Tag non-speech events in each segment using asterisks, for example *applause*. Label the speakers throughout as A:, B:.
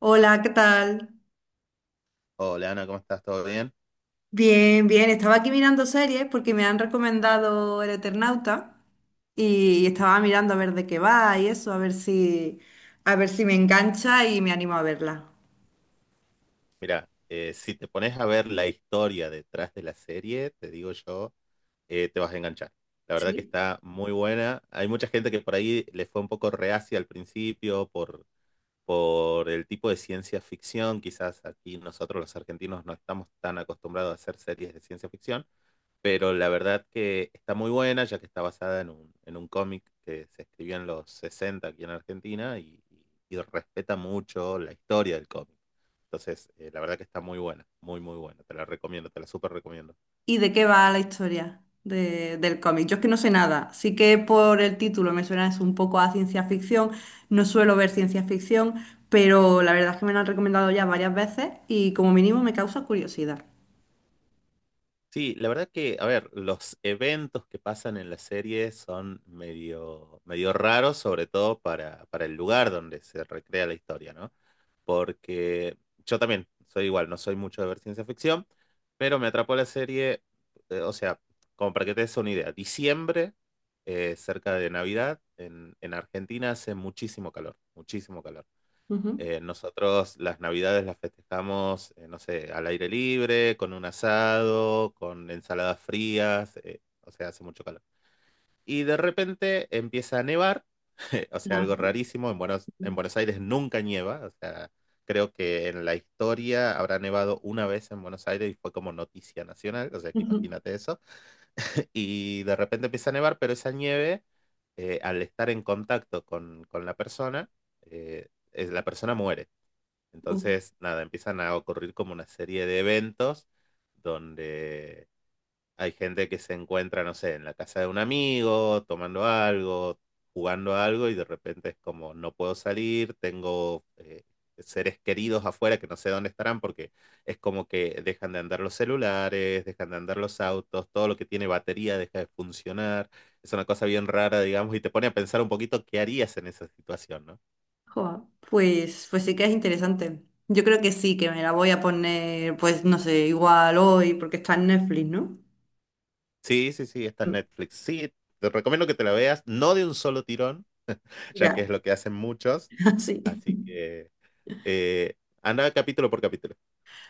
A: Hola, ¿qué tal?
B: Hola Ana, ¿cómo estás? ¿Todo bien?
A: Bien, bien. Estaba aquí mirando series porque me han recomendado El Eternauta y estaba mirando a ver de qué va y eso, a ver si me engancha y me animo a verla.
B: Mira, si te pones a ver la historia detrás de la serie, te digo yo, te vas a enganchar. La verdad que
A: ¿Sí?
B: está muy buena. Hay mucha gente que por ahí le fue un poco reacia al principio por el tipo de ciencia ficción, quizás aquí nosotros los argentinos no estamos tan acostumbrados a hacer series de ciencia ficción, pero la verdad que está muy buena, ya que está basada en en un cómic que se escribió en los 60 aquí en Argentina y respeta mucho la historia del cómic. Entonces, la verdad que está muy buena, muy, muy buena. Te la recomiendo, te la súper recomiendo.
A: ¿Y de qué va la historia del cómic? Yo es que no sé nada. Sí que por el título me suena es un poco a ciencia ficción. No suelo ver ciencia ficción, pero la verdad es que me lo han recomendado ya varias veces y como mínimo me causa curiosidad.
B: Sí, la verdad que, a ver, los eventos que pasan en la serie son medio, medio raros, sobre todo para el lugar donde se recrea la historia, ¿no? Porque yo también soy igual, no soy mucho de ver ciencia ficción, pero me atrapó la serie, o sea, como para que te des una idea, diciembre, cerca de Navidad, en Argentina hace muchísimo calor, muchísimo calor.
A: Ujú.
B: Nosotros las Navidades las festejamos, no sé, al aire libre, con un asado, con ensaladas frías, o sea, hace mucho calor. Y de repente empieza a nevar, *laughs* o sea, algo
A: Ajá.
B: rarísimo, en Buenos Aires nunca nieva, o sea, creo que en la historia habrá nevado una vez en Buenos Aires y fue como noticia nacional, o sea, que imagínate eso. *laughs* Y de repente empieza a nevar, pero esa nieve, al estar en contacto con la persona, la persona muere.
A: Ujú.
B: Entonces, nada, empiezan a ocurrir como una serie de eventos donde hay gente que se encuentra, no sé, en la casa de un amigo, tomando algo, jugando a algo y de repente es como, no puedo salir, tengo seres queridos afuera que no sé dónde estarán porque es como que dejan de andar los celulares, dejan de andar los autos, todo lo que tiene batería deja de funcionar. Es una cosa bien rara, digamos, y te pone a pensar un poquito qué harías en esa situación, no.
A: Joa, pues, pues sí que es interesante. Yo creo que sí, que me la voy a poner, pues no sé, igual hoy, porque está en Netflix, ¿no?
B: Sí, sí, sí, está en
A: Mm.
B: Netflix. Sí, te recomiendo que te la veas, no de un solo tirón, ya que es
A: Ya,
B: lo que hacen muchos.
A: *laughs* sí.
B: Así que eh, anda capítulo por capítulo.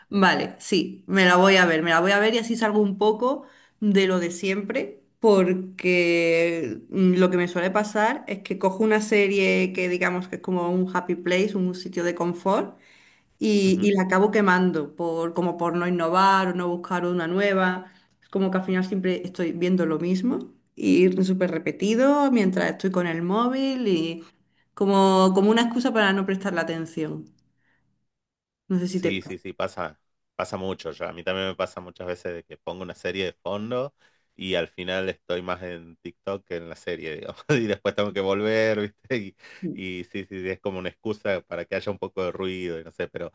A: Vale, sí, me la voy a ver, me la voy a ver y así salgo un poco de lo de siempre, porque lo que me suele pasar es que cojo una serie que digamos que es como un happy place, un sitio de confort, y,
B: Ujú.
A: y la acabo quemando por, como por no innovar o no buscar una nueva. Es como que al final siempre estoy viendo lo mismo y súper repetido mientras estoy con el móvil y como, como una excusa para no prestar la atención. No sé si te
B: Sí,
A: pasa.
B: sí, sí, pasa, pasa mucho ya. A mí también me pasa muchas veces de que pongo una serie de fondo y al final estoy más en TikTok que en la serie, digamos. *laughs* Y después tengo que volver, ¿viste? Y, y, sí, sí, sí, es como una excusa para que haya un poco de ruido y no sé, pero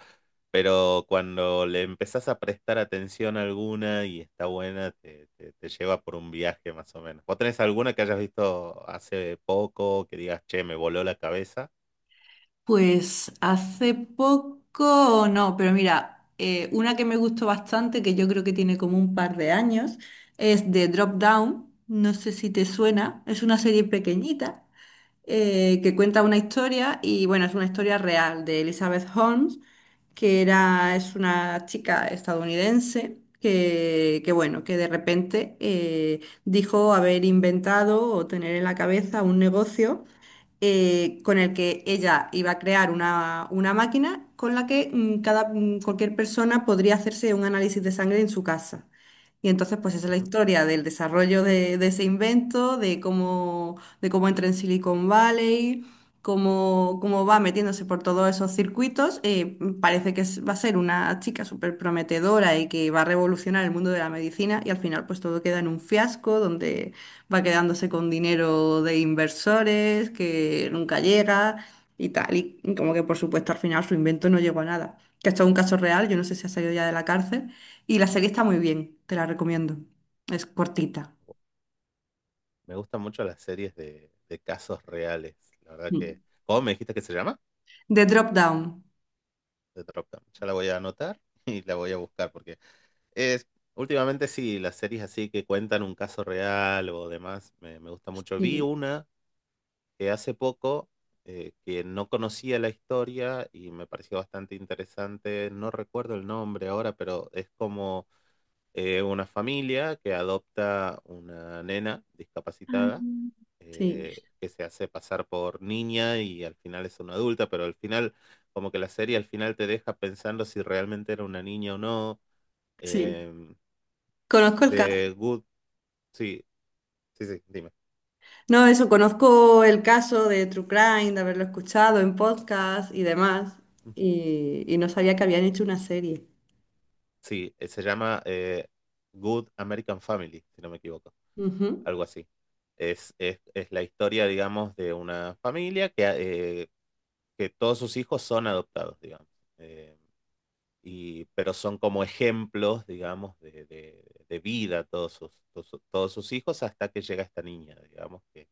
B: cuando le empezás a prestar atención a alguna y está buena, te lleva por un viaje más o menos. ¿Vos tenés alguna que hayas visto hace poco que digas, che, me voló la cabeza?
A: Pues hace poco no, pero mira, una que me gustó bastante, que yo creo que tiene como un par de años, es de Drop Down. No sé si te suena, es una serie pequeñita que cuenta una historia y bueno, es una historia real de Elizabeth Holmes, es una chica estadounidense bueno, que de repente dijo haber inventado o tener en la cabeza un negocio con el que ella iba a crear una máquina con la que cualquier persona podría hacerse un análisis de sangre en su casa. Y entonces, pues esa es la
B: Ujú.
A: historia del desarrollo de ese invento, de cómo entra en Silicon Valley, cómo, cómo va metiéndose por todos esos circuitos. Parece que va a ser una chica súper prometedora y que va a revolucionar el mundo de la medicina y al final pues todo queda en un fiasco donde va quedándose con dinero de inversores que nunca llega y tal. Y como que por supuesto al final su invento no llegó a nada. Que esto es un caso real, yo no sé si ha salido ya de la cárcel. Y la serie está muy bien, te la recomiendo. Es cortita.
B: Me gustan mucho las series de casos reales. La verdad
A: Mm.
B: que... ¿Cómo me dijiste que se llama?
A: The Drop Down.
B: The Dropdown. Ya la voy a anotar *laughs* y la voy a buscar porque es... Últimamente sí, las series así que cuentan un caso real o demás, me gusta mucho. Vi
A: Sí,
B: una hace poco que no conocía la historia y me pareció bastante interesante. No recuerdo el nombre ahora, pero es como una familia que adopta una nena discapacitada
A: sí,
B: que se hace pasar por niña y al final es una adulta, pero al final, como que la serie al final te deja pensando si realmente era una niña o no.
A: sí.
B: em,
A: Conozco el caso.
B: de Good, sí, sí, sí, dime.
A: No, eso, conozco el caso de True Crime, de haberlo escuchado en podcast y demás. Y no sabía que habían hecho una serie.
B: Sí, se llama Good American Family, si no me equivoco,
A: Ujú.
B: algo así. Es la historia, digamos, de una familia eh, que todos sus hijos son adoptados, digamos. Eh, y pero son como ejemplos, digamos, de vida todos sus hijos hasta que llega esta niña, digamos, que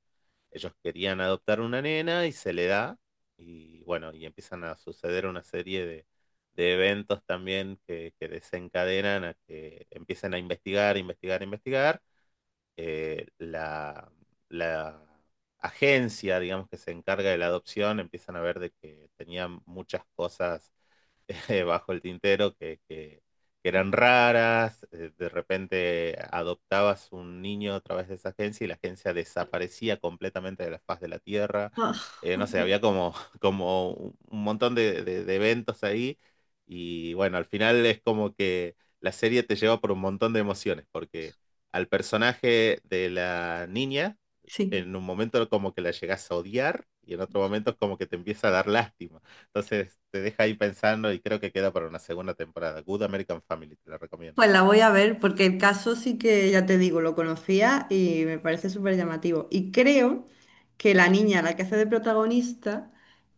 B: ellos querían adoptar una nena y se le da, y bueno, y empiezan a suceder una serie de eventos también que desencadenan a que empiecen a investigar, investigar, investigar. Eh, la, la agencia, digamos, que se encarga de la adopción, empiezan a ver de que tenían muchas cosas *laughs* bajo el tintero que eran raras, de repente adoptabas un niño a través de esa agencia y la agencia desaparecía completamente de la faz de la Tierra.
A: Ah,
B: No sé, había como, *laughs* como un montón de eventos ahí y bueno, al final es como que la serie te lleva por un montón de emociones porque al personaje de la niña
A: *laughs* sí.
B: en un momento como que la llegas a odiar y en otro momento es como que te empieza a dar lástima. Entonces te deja ahí pensando y creo que queda para una segunda temporada. Good American Family, te la recomiendo.
A: Pues la voy a ver porque el caso sí que, ya te digo, lo conocía y me parece súper llamativo. Y creo que la niña, la que hace de protagonista,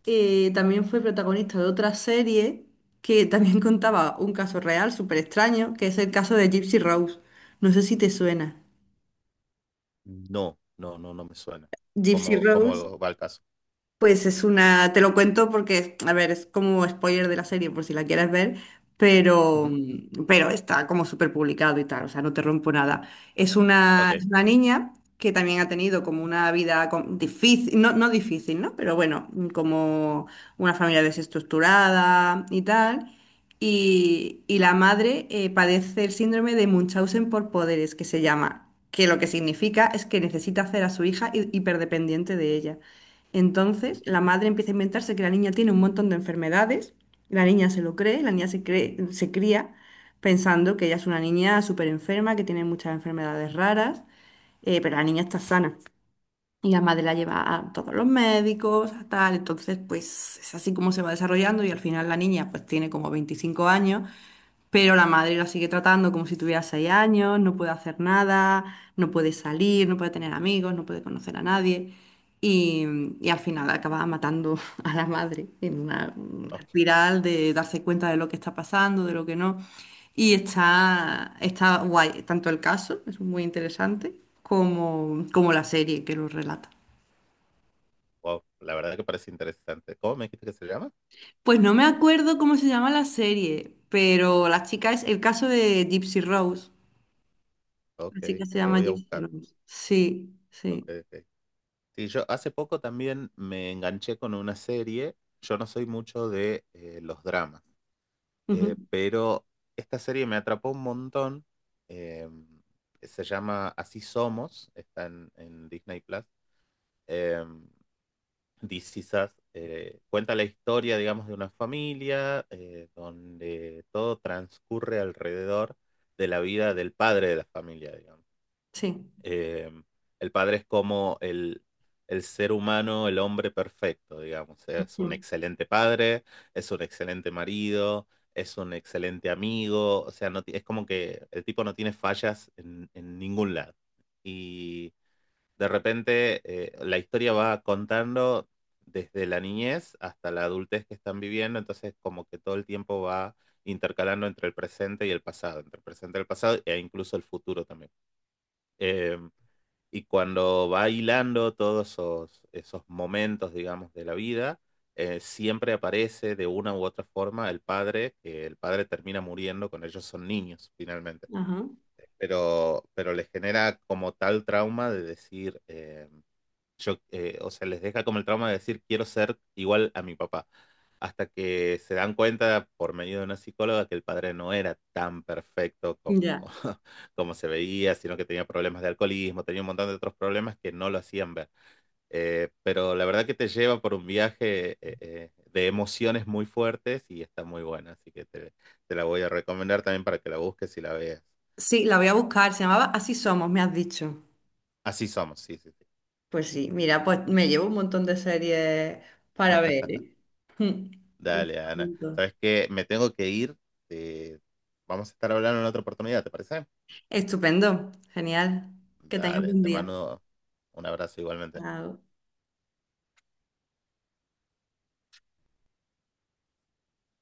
A: también fue protagonista de otra serie que también *laughs* contaba un caso real súper extraño, que es el caso de Gypsy Rose. No sé si te suena.
B: No, no, no, no me suena.
A: Gypsy
B: ¿Cómo,
A: Rose.
B: cómo va el caso?
A: Pues es una, te lo cuento porque, a ver, es como spoiler de la serie por si la quieres ver, pero,
B: Ujú.
A: pero está como súper publicado y tal, o sea, no te rompo nada.
B: Ok.
A: Es una niña que también ha tenido como una vida difícil, no, no difícil, ¿no? Pero bueno, como una familia desestructurada y tal. Y la madre padece el síndrome de Munchausen por poderes, que se llama, que lo que significa es que necesita hacer a su hija hiperdependiente de ella.
B: Mm.
A: Entonces, la madre empieza a inventarse que la niña tiene un montón de enfermedades, la niña se lo cree, la niña se cree, se cría pensando que ella es una niña súper enferma, que tiene muchas enfermedades raras, pero la niña está sana. Y la madre la lleva a todos los médicos, a tal, entonces pues es así como se va desarrollando y al final la niña pues tiene como 25 años pero la madre la sigue tratando como si tuviera 6 años, no puede hacer nada, no puede salir, no puede tener amigos, no puede conocer a nadie. Y, y al final acaba matando *laughs* a la madre en una
B: Oh,
A: espiral de darse cuenta de lo que está pasando, de lo que no. Y está, está guay, tanto el caso, es muy interesante, como, como la serie que lo relata.
B: wow, la verdad que parece interesante. ¿Cómo me dijiste que se llama?
A: Pues no me acuerdo cómo se llama la serie, pero la chica es el caso de Gypsy Rose.
B: Ok,
A: Así que se
B: lo
A: llama
B: voy a
A: Gypsy
B: buscar.
A: Rose. Sí, sí.
B: Ok, ok. Sí, yo hace poco también me enganché con una serie. Yo no soy mucho de los dramas,
A: Ujú,
B: pero esta serie me atrapó un montón. em, se llama Así Somos, está en Disney Plus. Eh, This Is Us, cuenta la historia, digamos, de una familia donde todo transcurre alrededor de la vida del padre de la familia, digamos.
A: sí.
B: Eh, el padre es como el ser humano, el hombre perfecto, digamos. Es un
A: Ujú,
B: excelente padre, es un excelente marido, es un excelente amigo, o sea, no, es como que el tipo no tiene fallas en ningún lado. Y de repente la historia va contando desde la niñez hasta la adultez que están viviendo, entonces como que todo el tiempo va intercalando entre el presente y el pasado, entre el presente y el pasado e incluso el futuro también. Eh, y cuando va hilando todos esos momentos, digamos, de la vida, siempre aparece de una u otra forma el padre, que el padre termina muriendo con ellos, son niños finalmente,
A: ajá.
B: pero les genera como tal trauma de decir... o sea, les deja como el trauma de decir quiero ser igual a mi papá, hasta que se dan cuenta por medio de una psicóloga que el padre no era tan perfecto como,
A: Ya.
B: *laughs* como se veía, sino que tenía problemas de alcoholismo, tenía un montón de otros problemas que no lo hacían ver. Pero la verdad que te lleva por un viaje de emociones muy fuertes y está muy buena, así que te la voy a recomendar también para que la busques y la veas.
A: Sí, la voy a buscar. Se llamaba Así Somos, me has dicho.
B: Así somos, sí, sí, sí.
A: Pues sí, mira, pues me llevo un montón de series para ver, ¿eh? Mm.
B: Dale, Ana.
A: Apunto.
B: ¿Sabes qué? Me tengo que ir. eh, vamos a estar hablando en otra oportunidad, ¿te parece?
A: Estupendo, genial. Que tengas
B: Dale,
A: buen
B: te
A: día.
B: mando un abrazo igualmente.
A: Chao.